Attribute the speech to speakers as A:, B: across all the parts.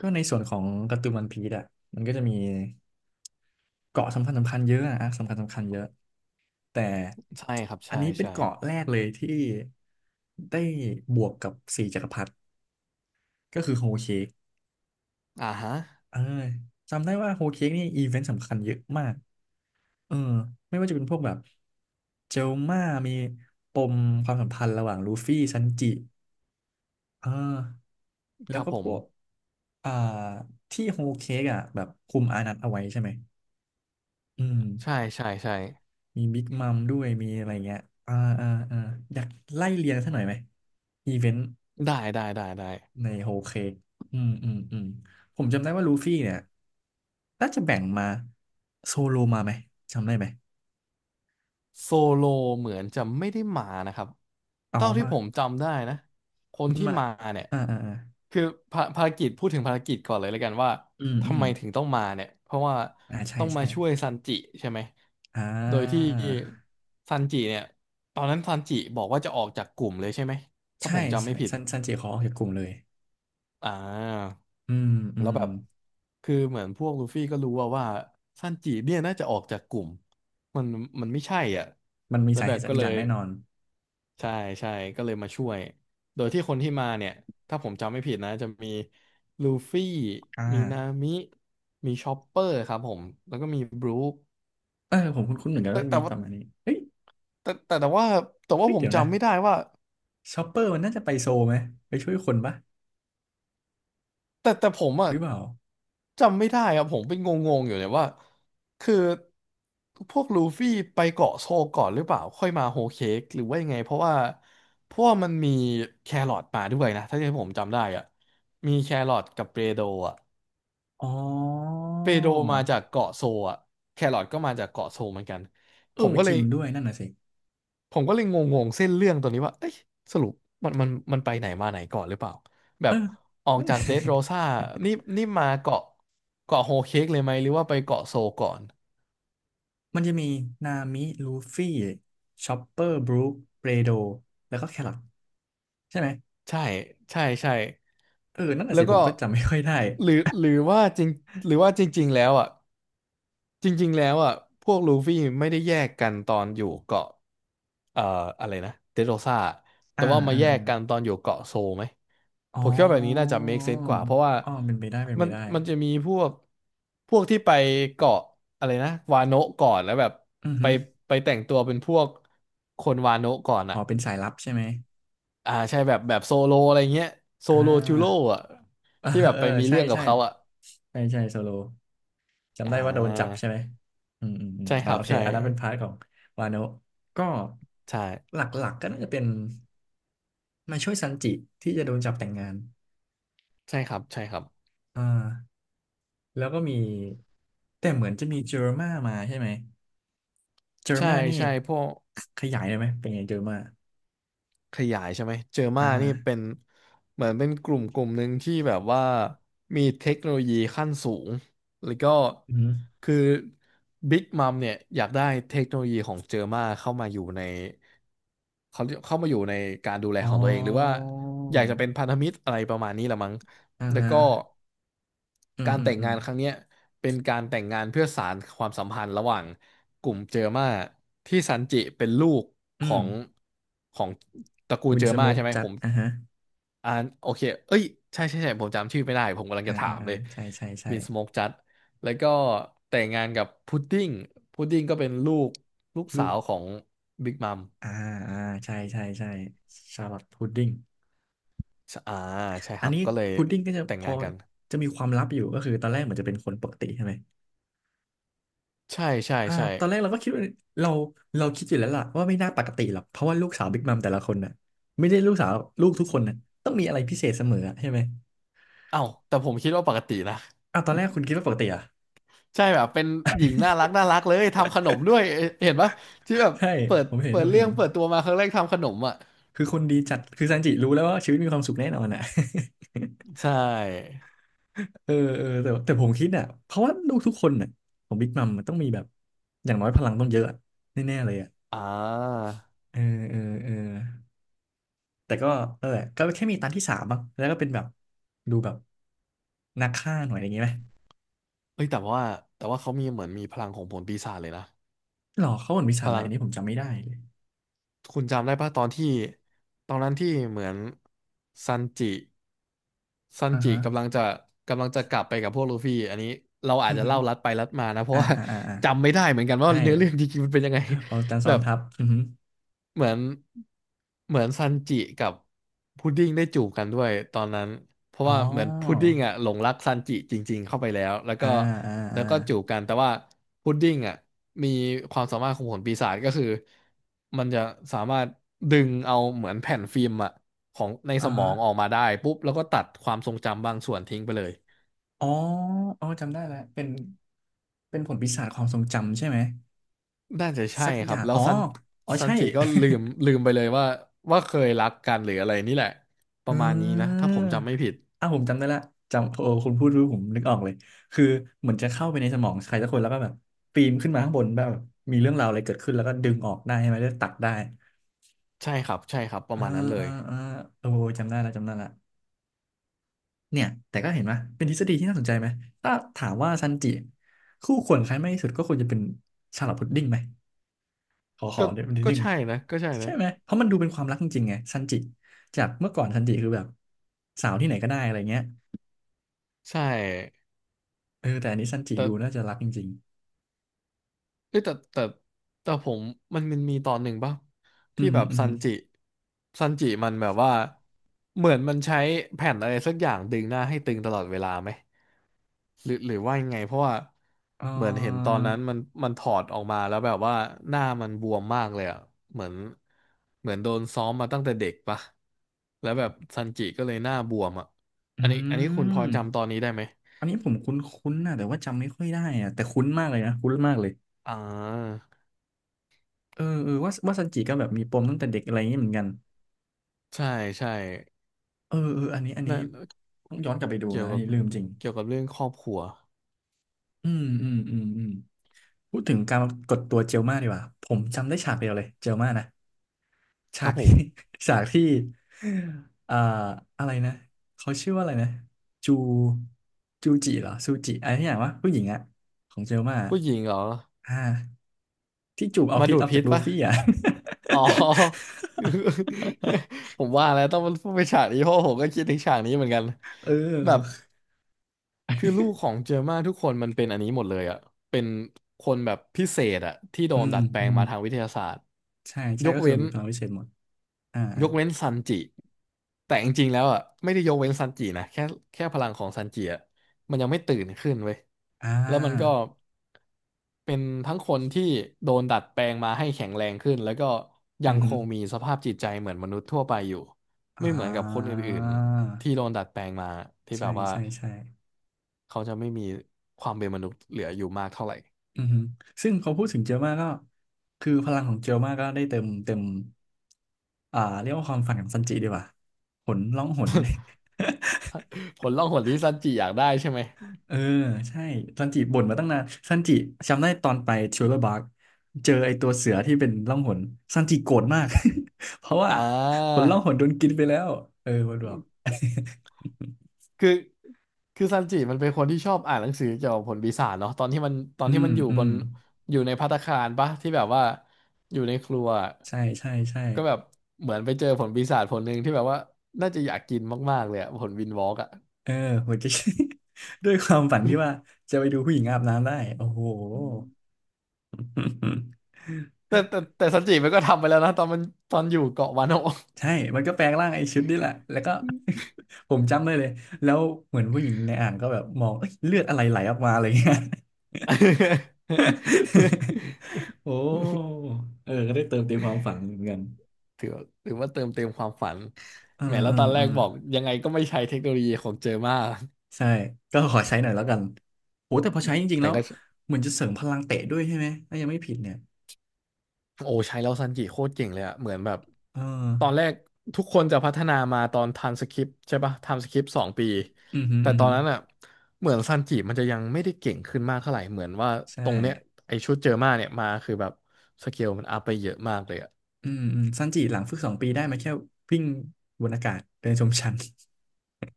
A: ก็ในส่วนของการ์ตูนวันพีซอ่ะมันก็จะมีเกาะสำคัญสำคัญเยอะอะอาร์คสำคัญสำคัญเยอะแต่
B: ใช่ครับ
A: อัน
B: ใช่
A: นี้เป็น
B: ใช่
A: เกาะแรกเลยที่ได้บวกกับสี่จักรพรรดิก็คือโฮเคก
B: อ่าฮะ
A: เออจำได้ว่าโฮเคกนี่อีเวนต์สำคัญเยอะมากเออไม่ว่าจะเป็นพวกแบบเจลม่ามีปมความสัมพันธ์ระหว่างลูฟี่ซันจิเออแล้
B: ค
A: ว
B: รับ
A: ก็
B: ผ
A: พ
B: ม
A: วกอ่าที่โฮเคกอ่ะแบบคุมอานัตเอาไว้ใช่ไหมอืม
B: ใช่ใช่ใช่
A: มีบิ๊กมัมด้วยมีอะไรเงี้ยอ่าอ่าอ่าอยากไล่เรียงสักหน่อยไหมอีเวนต์
B: ได้ได้ได้ได้
A: ในโฮเคกอืมอืมอืมผมจำได้ว่าลูฟี่เนี่ยน่าจะแบ่งมาโซโลมาไหมจำได้ไหม
B: โซโลเหมือนจะไม่ได้มานะครับ
A: อ๋อ
B: เท่าที่
A: มา
B: ผมจำได้นะคน
A: มัน
B: ที่
A: มา
B: มาเนี่ย
A: อ่าอ่าอ่า
B: คือภารกิจพูดถึงภารกิจก่อนเลยแล้วกันว่า
A: อืมอื
B: ทำ
A: ม
B: ไมถึงต้องมาเนี่ยเพราะว่า
A: อ่าใช่
B: ต้องมา
A: ใช่
B: ช่วยซันจิใช่ไหม
A: อ่
B: โดยที่
A: า
B: ซันจิเนี่ยตอนนั้นซันจิบอกว่าจะออกจากกลุ่มเลยใช่ไหมถ้า
A: ใช่
B: ผมจำไม่ผิด
A: ซันจิขอออกจากกลุ่มเลย
B: อ่า
A: อืมอื
B: แล้ว
A: ม
B: แบบคือเหมือนพวกลูฟี่ก็รู้ว่าซันจิเนี่ยน่าจะออกจากกลุ่มมันมันไม่ใช่อ่ะ
A: มันมี
B: แล้ว
A: สา
B: แบ
A: เห
B: บ
A: ตุสั
B: ก็
A: ก
B: เล
A: อย่าง
B: ย
A: แน่นอน
B: ใช่ใช่ก็เลยมาช่วยโดยที่คนที่มาเนี่ยถ้าผมจำไม่ผิดนะจะมีลูฟี่
A: อ่า
B: มีนามิมีชอปเปอร์ครับผมแล้วก็มีบรูค
A: เออผมคุ้นๆเหมือนกัน
B: แต่
A: ว่า
B: แต่
A: มีป
B: ว่า
A: ระมาณนี้เฮ้ย
B: แต่ว่าแต่ว่า
A: เฮ้ย
B: ผม
A: เดี๋ยวนะ
B: จำไม่ได้ว่า
A: ชอปเปอร์มันน่าจะไปโซลไหมไปช่วยคนปะ
B: แต่ผมอ่ะ
A: หรือเปล่า
B: จำไม่ได้ครับผมเป็นงงๆอยู่เนี่ยว่าคือพวกลูฟี่ไปเกาะโซลก่อนหรือเปล่าค่อยมาโฮลเค้กหรือว่ายังไงเพราะว่ามันมีแครอทมาด้วยนะถ้าที่ผมจำได้อ่ะมีแครอทกับเปโดรอ่ะ
A: อ๋อ
B: เปโดรมาจากเกาะโซลอ่ะแครอทก็มาจากเกาะโซลเหมือนกัน
A: เอ
B: ผม
A: อ
B: ก็
A: จ
B: เล
A: ริ
B: ย
A: งด้วยนั่นน่ะสิ
B: ผมก็เลยงงๆเส้นเรื่องตัวนี้ว่าเอ้ยสรุปมันไปไหนมาไหนก่อนหรือเปล่า แบ
A: เอ
B: บ
A: อ
B: ออก
A: นั่น
B: จากเด
A: น่ะ
B: ดโรซ่านี่นี่มาเกาะโฮเค้กเลยไหมหรือว่าไปเกาะโซก่อน
A: มันจะมีนามิลูฟี่ชอปเปอร์บรูคเบรโดแล้วก็แครอทใช่ไหม
B: ใช่ใช่ใช่
A: เออนั่นน่ะ
B: แล้
A: สิ
B: ว
A: ผ
B: ก็
A: มก็จำไม่ค่อยได้
B: หรือว่าจริงหรือว่าจริงๆแล้วอ่ะจริงๆแล้วอ่ะพวกลูฟี่ไม่ได้แยกกันตอนอยู่เกาะเอ่ออะไรนะเดดโรซ่าแต่
A: อ่า
B: ว่ามา
A: อ่า
B: แยกกัน
A: อา
B: ตอนอยู่เกาะโซไหม
A: อ๋
B: ผมคิดว่าแบบนี้น่า
A: อ
B: จะ make sense กว่าเพราะว่า
A: อ๋อเป็นไปได้เป็น
B: มั
A: ไป
B: น
A: ได้
B: มันจะมีพวกที่ไปเกาะอะไรนะวาโนะก่อนแล้วแบบ
A: อือ
B: ไป
A: หือ
B: ไปแต่งตัวเป็นพวกคนวาโนะก่อน
A: อ๋
B: อ่ะ
A: อเป็นสายลับใช่ไหม
B: อ่าใช่แบบโซโลอะไรเงี้ยโซ
A: อ่
B: โลจูโร่
A: า
B: อ่ะ
A: เออ
B: ที่แบบ
A: เออ
B: ไปมี
A: ใช่
B: เรื่องกับ
A: ใช่
B: เขาอ่ะ
A: ใช่ใช่โซโล จำ
B: อ่
A: ได้ว่าโดนจับ
B: า
A: ใช่ไหมอืมอืมอืม
B: ใช่ครั
A: โอ
B: บ
A: เค
B: ใช่
A: อันนั้นเป็นพาร์ทของวาโนะก็
B: ใช่
A: หลักๆก็น่าจะเป็นมาช่วยซันจิที่จะโดนจับแต่งงาน
B: ใช่ครับใช่ครับ
A: อ่าแล้วก็มีแต่เหมือนจะมีเจอร์มามาใช่ไหมเจอร์
B: ใช่
A: มานี่
B: ใช่พวก
A: ขขยายได้ไหมเป็นไงเจอร์มา
B: ขยายใช่ไหมเจอ
A: อ่า
B: มานี่เป็นเหมือนเป็นกลุ่มหนึ่งที่แบบว่ามีเทคโนโลยีขั้นสูงแล้วก็
A: อืม
B: คือบิ๊กมัมเนี่ยอยากได้เทคโนโลยีของเจอมาเข้ามาอยู่ในเขาเข้ามาอยู่ในการดูแล
A: อ๋
B: ข
A: อ
B: องตัวเองหรือว่าอยากจะเป็นพันธมิตรอะไรประมาณนี้ละมั้ง
A: อ่า
B: แล้ว
A: ฮะ
B: ก็
A: อืม
B: การ
A: อืม
B: แต่ง
A: อืม
B: งานครั้งเนี้ยเป็นการแต่งงานเพื่อสานความสัมพันธ์ระหว่างกลุ่มเจอมาที่ซันจิเป็นลูกข
A: อื
B: อ
A: ม
B: งของตระกูล
A: วิน
B: เจอ
A: สโม
B: มา
A: ก
B: ใช่ไหม
A: จั
B: ผ
A: ด
B: ม
A: อ่าฮะ
B: อ่านโอเคเอ้ยใช่ใช่ใช่ผมจำชื่อไม่ได้ผมกำลังจะถามเลย
A: ใช่ใช่ใช่
B: วินสโมกจัดแล้วก็แต่งงานกับพุดดิ้งพุดดิ้งก็เป็นลูกลูก
A: ลู
B: สา
A: ก
B: วของบิ๊กมัม
A: อ่าอ่าใช่ใช่ใช่ชาลอตพุดดิ้ง
B: อ่าใช่ค
A: อัน
B: รับ
A: นี้
B: ก็เลย
A: พุดดิ้งก็จะ
B: แต่ง
A: พอ
B: งานกัน
A: จะมีความลับอยู่ก็คือตอนแรกเหมือนจะเป็นคนปกติใช่ไหม
B: ใช่ใช่
A: อ่า
B: ใช่
A: ตอนแรกเราก็คิดว่าเราเราคิดอยู่แล้วล่ะว่าไม่น่าปกติหรอกเพราะว่าลูกสาวบิ๊กมัมแต่ละคนน่ะไม่ได้ลูกสาวลูกทุก
B: เอ
A: ค
B: อ
A: นน่ะต้องมีอะไรพิเศษเสมออะใช่ไหม
B: เอ้าแต่ผมคิดว่าปกตินะ
A: ตอนแรกคุณคิดว่าปกติเหรอ่ะ
B: ใช่แบบเป็นหญิงน่ารักน่ารักเลยทำขนมด้วยเอเห็นปะที่แบบ
A: ใช่
B: เปิด
A: ผมเห็น
B: เปิ
A: ผ
B: ด
A: ม
B: เรื่
A: เห็
B: อ
A: น
B: งเปิดตัวมาครั้งแรกทำขนมอ่ะ
A: คือคนดีจัดคือซันจิรู้แล้วว่าชีวิตมีความสุขแน่นอนอ่ะ
B: ใช ่
A: เออเออแต่ผมคิดอ่ะเพราะว่าลูกทุกคนอ่ะของบิ๊กมัมมันต้องมีแบบอย่างน้อยพลังต้องเยอะอะแน่ๆเลยอ่ะ
B: อ่า
A: เออเออเออ แต่ก็เออก็แค่มีตันที่สามมั้งแล้วก็เป็นแบบดูแบบนักฆ่าหน่อยอย่างงี้ไหม
B: เอ้ยแต่ว่าเขามีเหมือนมีพลังของผลปีศาจเลยนะ
A: หรอเขาเหมือนมีสา
B: พ
A: รอะไร
B: ลัง
A: อันนี้ผมจำไม่ได้เลย
B: คุณจำได้ปะตอนที่ตอนนั้นที่เหมือนซันจิซัน
A: อ่า
B: จิ
A: ฮะ
B: กำลังจะกำลังจะกลับไปกับพวกลูฟี่อันนี้เราอา
A: อื
B: จ
A: อ
B: จะ
A: ฮึ
B: เล่าลัดไปลัดมานะเพ
A: อ่า
B: ราะว่า
A: อ่าอ่าอ่า
B: จำไม่ได้เหมือนกันว่า
A: ใช่
B: เนื้อเรื่องจริงๆมันเป็นยังไง
A: เอาจั นซ้
B: แบ
A: อน
B: บ
A: ทับอือฮึ
B: เหมือนเหมือนซันจิกับพุดดิ้งได้จูบกันด้วยตอนนั้นเพราะ
A: อ๋อ
B: ว่าเหมือนพุดดิ้งอ่ะหลงรักซันจิจริงๆเข้าไปแล้วแล้ว
A: อ่า
B: ก็
A: อ่า
B: แล้
A: อ่า
B: วก็จูบกันแต่ว่าพุดดิ้งอ่ะมีความสามารถของผลปีศาจก็คือมันจะสามารถดึงเอาเหมือนแผ่นฟิล์มอ่ะของในส
A: อ่า
B: มอ
A: ฮะ
B: งออกมาได้ปุ๊บแล้วก็ตัดความทรงจำบางส่วนทิ้งไปเลย
A: อ๋ออ๋อจำได้แล้วเป็นเป็นผลปีศาจความทรงจำใช่ไหม
B: น่าจะใช่
A: สัก
B: ค
A: อ
B: รั
A: ย่า
B: บ
A: ง
B: แล้ว
A: อ๋อ
B: ซัน
A: อ๋อ
B: ซัน
A: ใช่
B: จิก็ลืม ลืมไปเลยว่าเคยรักกันหรืออะไรนี่แหละป
A: เ
B: ระมาณนี้นะ
A: ออ
B: ถ้าผมจำไม่ผิด
A: ผมจำได้ละจำโอ้คุณพูดรู้ผมนึกออกเลยคือเหมือนจะเข้าไปในสมองใครสักคนแล้วก็แบบปีนขึ้นมาข้างบนแบบมีเรื่องราวอะไรเกิดขึ้นแล้วก็ดึงออกได้ใช่ไหมแล้วตัดได้
B: ใช่ครับใช่ครับป
A: เอ
B: ระ
A: อ
B: มาณนั้นเล
A: เออ
B: ย
A: เออโอ้จำได้ละจำได้ละเนี่ยแต่ก็เห็นไหมเป็นทฤษฎีที่น่าสนใจไหมถ้าถามว่าซันจิคู่ควรใครมากที่สุดก็ควรจะเป็นชาร์ลอตพุดดิ้งไหมขอ
B: ก็
A: เดี๋ยวนิด
B: ก็
A: นึงเล
B: ใช่
A: ย
B: นะก็ใช่นะ
A: ใช่ไหมเพราะมันดูเป็นความรักจริงๆไงซันจิจากเมื่อก่อนซันจิคือแบบสาวที่ไหนก็ได้อะไรเงี้ย
B: ใช่
A: เออแต่อันนี้ซันจิ
B: แต่
A: ดูน่าจะรักจริง
B: เอ้ยแต่แต่ผมมันมีตอนหนึ่งป่ะ
A: ๆอื
B: ที่
A: มอ
B: แบ
A: หืม
B: บ
A: ออือ
B: ซั
A: หื
B: น
A: อ
B: จิซันจิมันแบบว่าเหมือนมันใช้แผ่นอะไรสักอย่างดึงหน้าให้ตึงตลอดเวลาไหม หรือหรือว่ายังไงเพราะว่า
A: เอ่
B: เหมือนเห็นตอ
A: อ
B: นนั้นมันถอดออกมาแล้วแบบว่าหน้ามันบวมมากเลยอ่ะเหมือนเหมือนโดนซ้อมมาตั้งแต่เด็กปะแล้วแบบซันจิก็เลยหน้าบวมอ่ะ
A: อื
B: อันนี้อันนี้คุณพอ
A: ม
B: จำตอนนี้ได้ไหม
A: อันนี้ผมคุ้นๆนะแต่ว่าจำไม่ค่อยได้อะแต่คุ้นมากเลยนะคุ้นมากเลย
B: อ่า
A: เออเออว่าว่าซันจิก็แบบมีปมตั้งแต่เด็กอะไรอย่างนี้เหมือนกัน
B: ใช่ใช่
A: เออเอออันนี้อันนี้
B: นั่น
A: ต้องย้อนกลับไปดู
B: เกี่ยว
A: นะอัน
B: กับ
A: นี้ลืมจริง
B: เกี่ยวกับเรื่องครอบครัว
A: อืมอืมอืมอืมพูดถึงการกดตัวเจลมาดีกว่าผมจำได้ฉากเดียวเลยเจลมานะ
B: ค
A: ฉา
B: รับ
A: ก
B: ผ
A: ที่
B: ม
A: ฉากที่เอ่ออะไรนะเขาชื่อว่าอะไรนะจูจูจิเหรอซูจิอะไรที่อย่างวะผู้หญิงอะของเจลมาอะ
B: ผู้หญิงเหรอ
A: อ่าที่จูบเอา
B: มา
A: พิษ
B: ดู
A: อ
B: ด
A: อก
B: พิ
A: จาก
B: ษ
A: ลู
B: ปะ
A: ฟี่อะ
B: อ๋อ ผมว่าแล้วต้องเนไปฉากนี้เพราะผมก็คิดถึงฉากนี้เหมือนกัน
A: เอ
B: แบบ
A: อ
B: คือลูกของเจอร์มาทุกคนมันเป็นอันนี้หมดเลยอ่ะเป็นคนแบบพิเศษอ่ะที่โด
A: อื
B: น
A: ม
B: ดัดแปล
A: อื
B: ง
A: ม
B: มาทางวิทยาศาสตร์
A: ใช่ใช่
B: ยก
A: ก็คือ
B: เว้น
A: มีพลังวิเศษหมดอ่า
B: ยกเว้นซันจิแต่จริงๆแล้วอ่ะไม่ได้ยกเว้นซันจินะแค่แค่พลังของซันจิอ่ะมันยังไม่ตื่นขึ้นเว้ย
A: อ่
B: แล้วมันก็
A: า
B: เป็นทั้งคนที่โดนดัดแปลงมาให้แข็งแรงขึ้นแล้วก็ยั
A: อื
B: ง
A: อ
B: ค
A: ฮึ
B: งมีสภาพจิตใจเหมือนมนุษย์ทั่วไปอยู่
A: อ่
B: ไม่เหมือนกับคน
A: า
B: อื่นๆที่โดนดัดแปลงมาที่
A: ใช่
B: แบบว่า
A: ใช่ใช่
B: เขาจะไม่มีความเป็นมนุษย์เหลืออยู่มากเท่าไหร่
A: อือฮึซึ่งพอพูดถึงเจลมาก็คือพลังของเจลมาก็ได้เต็มเต็มเรียกว่าความฝันของซันจิดีกว่าหนร้องหน
B: ผลล่องหนที่ซันจิอยากได้ใช่ไหม
A: เออใช่ซันจิบ่นมาตั้งนานซันจิจำได้ตอนไปชูเลอร์บาร์กเจอไอตัวเสือที่เป็นล่องหนซันจิโกรธมาก เพราะว่า
B: อ่
A: ผล
B: า
A: ล่องหนโดนกินไปแล้วเออมันบอก
B: คือคือซันจิมันเป็นคนที่ชอบอ่านหนังสือเกี่ยวกับผลปีศาจเนาะตอนที่มันตอน
A: อื
B: ที่
A: ม
B: มันอยู่
A: อื
B: บ
A: ม
B: นอยู่ในภัตตาคารปะที่แบบว่าอยู่ในครัว
A: ใช่ใช่ใช่
B: ก็แบบเหมือนไปเจอผลปีศาจผลหนึ่งที่แบบว่าน่าจะอยากกินมากๆเลยอะผลวินวอล์กอะ
A: เออหัวใจ ด้วยความฝันที่ว่าจะไปดูผู้หญิงอาบน้ำได้โอ้โห
B: แต่ซันจิมันก็ทำไปแล้วนะตอนมันตอนอยู่เกาะวานโนะ
A: ใช่มันก็แปลงร่างไอ้ชุดนี่แหละแล้วก็ ผมจำได้เลย แล้วเหมือนผู้หญิงในอ่างก็แบบมองเอ้ยเลือดอะไรไหลออกมาอะไรเงี้ย โอ้เออก็ได้เติมเต็มความฝันเหมือนกัน
B: ถือถือว่าเติมเต็มความฝัน
A: เออ
B: แหมแล้
A: เอ
B: ว
A: อ
B: ตอนแร
A: เออ
B: กบอกยังไงก็ไม่ใช้เทคโนโลยีของเจอมา
A: ใช่ ก็ขอใช้หน่อยแล้วกันโหแต่พอใช้จริงๆ
B: แต่
A: แล้ว
B: ก็
A: เหมือนจะเสริมพลังเตะด้วยใช่ไหมถ้ายังไม่ผิดเนี่ย
B: โอ้ใช้แล้วซันจิโคตรเก่งเลยอะเหมือนแบบ
A: เออ
B: ตอนแรกทุกคนจะพัฒนามาตอนทำสคริปต์ใช่ปะทำสคริปต์2 ปี
A: อือหือ
B: แต่
A: อือ
B: ตอ
A: หื
B: น
A: อ
B: นั้นอะเหมือนซันจิมันจะยังไม่ได้เก่งขึ้นมากเท่าไหร่เหมือนว่า
A: ใช่
B: ตรงเนี้ยไอชุดเจอมาเนี่ยมาคือแบบสเกลมันอัพไปเยอะมากเลยอะ
A: อืมอืมซันจิหลังฝึก2 ปีได้มาแค่วิ่งบนอากาศเดินชมชั้น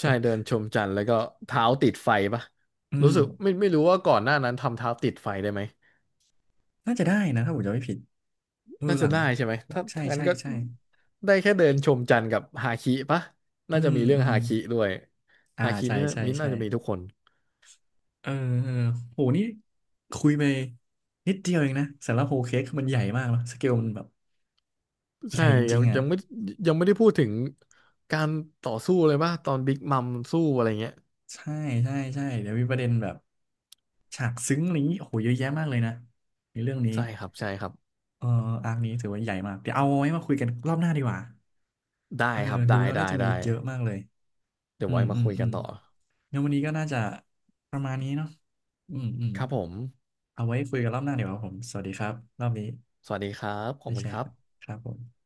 B: ใช่เดินชมจันทร์แล้วก็เท้าติดไฟปะ
A: อื
B: รู้
A: ม
B: สึกไม่รู้ว่าก่อนหน้านั้นทำเท้าติดไฟได้ไหม
A: น่าจะได้นะถ้าผมจำไม่ผิด เออ
B: น่า
A: ห
B: จะ
A: ลัง
B: ได้ใช่ไหม
A: หลั
B: ถ้า
A: งใช่
B: ถ้างั้น
A: ใช่
B: ก็
A: ใช่
B: ได้แค่เดินชมจันทร์กับฮาคิปะ
A: อื
B: น่าจะ
A: ม
B: มีเรื่อ
A: อื
B: ง
A: ม
B: ฮาคิด้วย
A: อ่า
B: ฮาคิ
A: ใช่
B: นี่นา
A: ใช่
B: มิ้นท์
A: ใช่
B: น่าจะมีทุกคน
A: เออเออโหนี่คุยไปนิดเดียวเองนะสำหรับโฮเค้กคือมันใหญ่มากเนอะสเกลมันแบบให
B: ใช่
A: ญ่จ
B: ยั
A: ริ
B: ง
A: งๆอ่ะ
B: ยังไม่ยังไม่ได้พูดถึงการต่อสู้เลยป่ะตอนบิ๊กมัมสู้อะไรเงี้ย
A: ใช่ใช่ใช่เดี๋ยวมีประเด็นแบบฉากซึ้งอะไรอย่างนี้โอ้โหเยอะแยะมากเลยนะในเรื่องนี้
B: ใช่ครับ ใช่ครับ
A: เอออาร์คนี้ถือว่าใหญ่มากเดี๋ยวเอาไว้มาคุยกันรอบหน้าดีกว่า
B: ได้
A: เออ
B: ครับ
A: ดู
B: ได้
A: แล้ว
B: ได้
A: น่าจะมี
B: ได้
A: อีกเยอะมากเลย
B: เดี๋ย
A: อื
B: วไว้
A: ม
B: มา
A: อืม
B: คุย
A: อื
B: กั
A: ม
B: นต่อ
A: งั้นวันนี้ก็น่าจะประมาณนี้เนาะอืมอืม
B: ครับผม
A: เอาไว้คุยกันรอบหน้าเดี๋ยวาครับผม สวัสดีครับรอบนี้
B: สวัสดีครับขอ
A: ได้
B: บคุ
A: แช
B: ณค
A: ร์
B: รับ
A: กันครับผม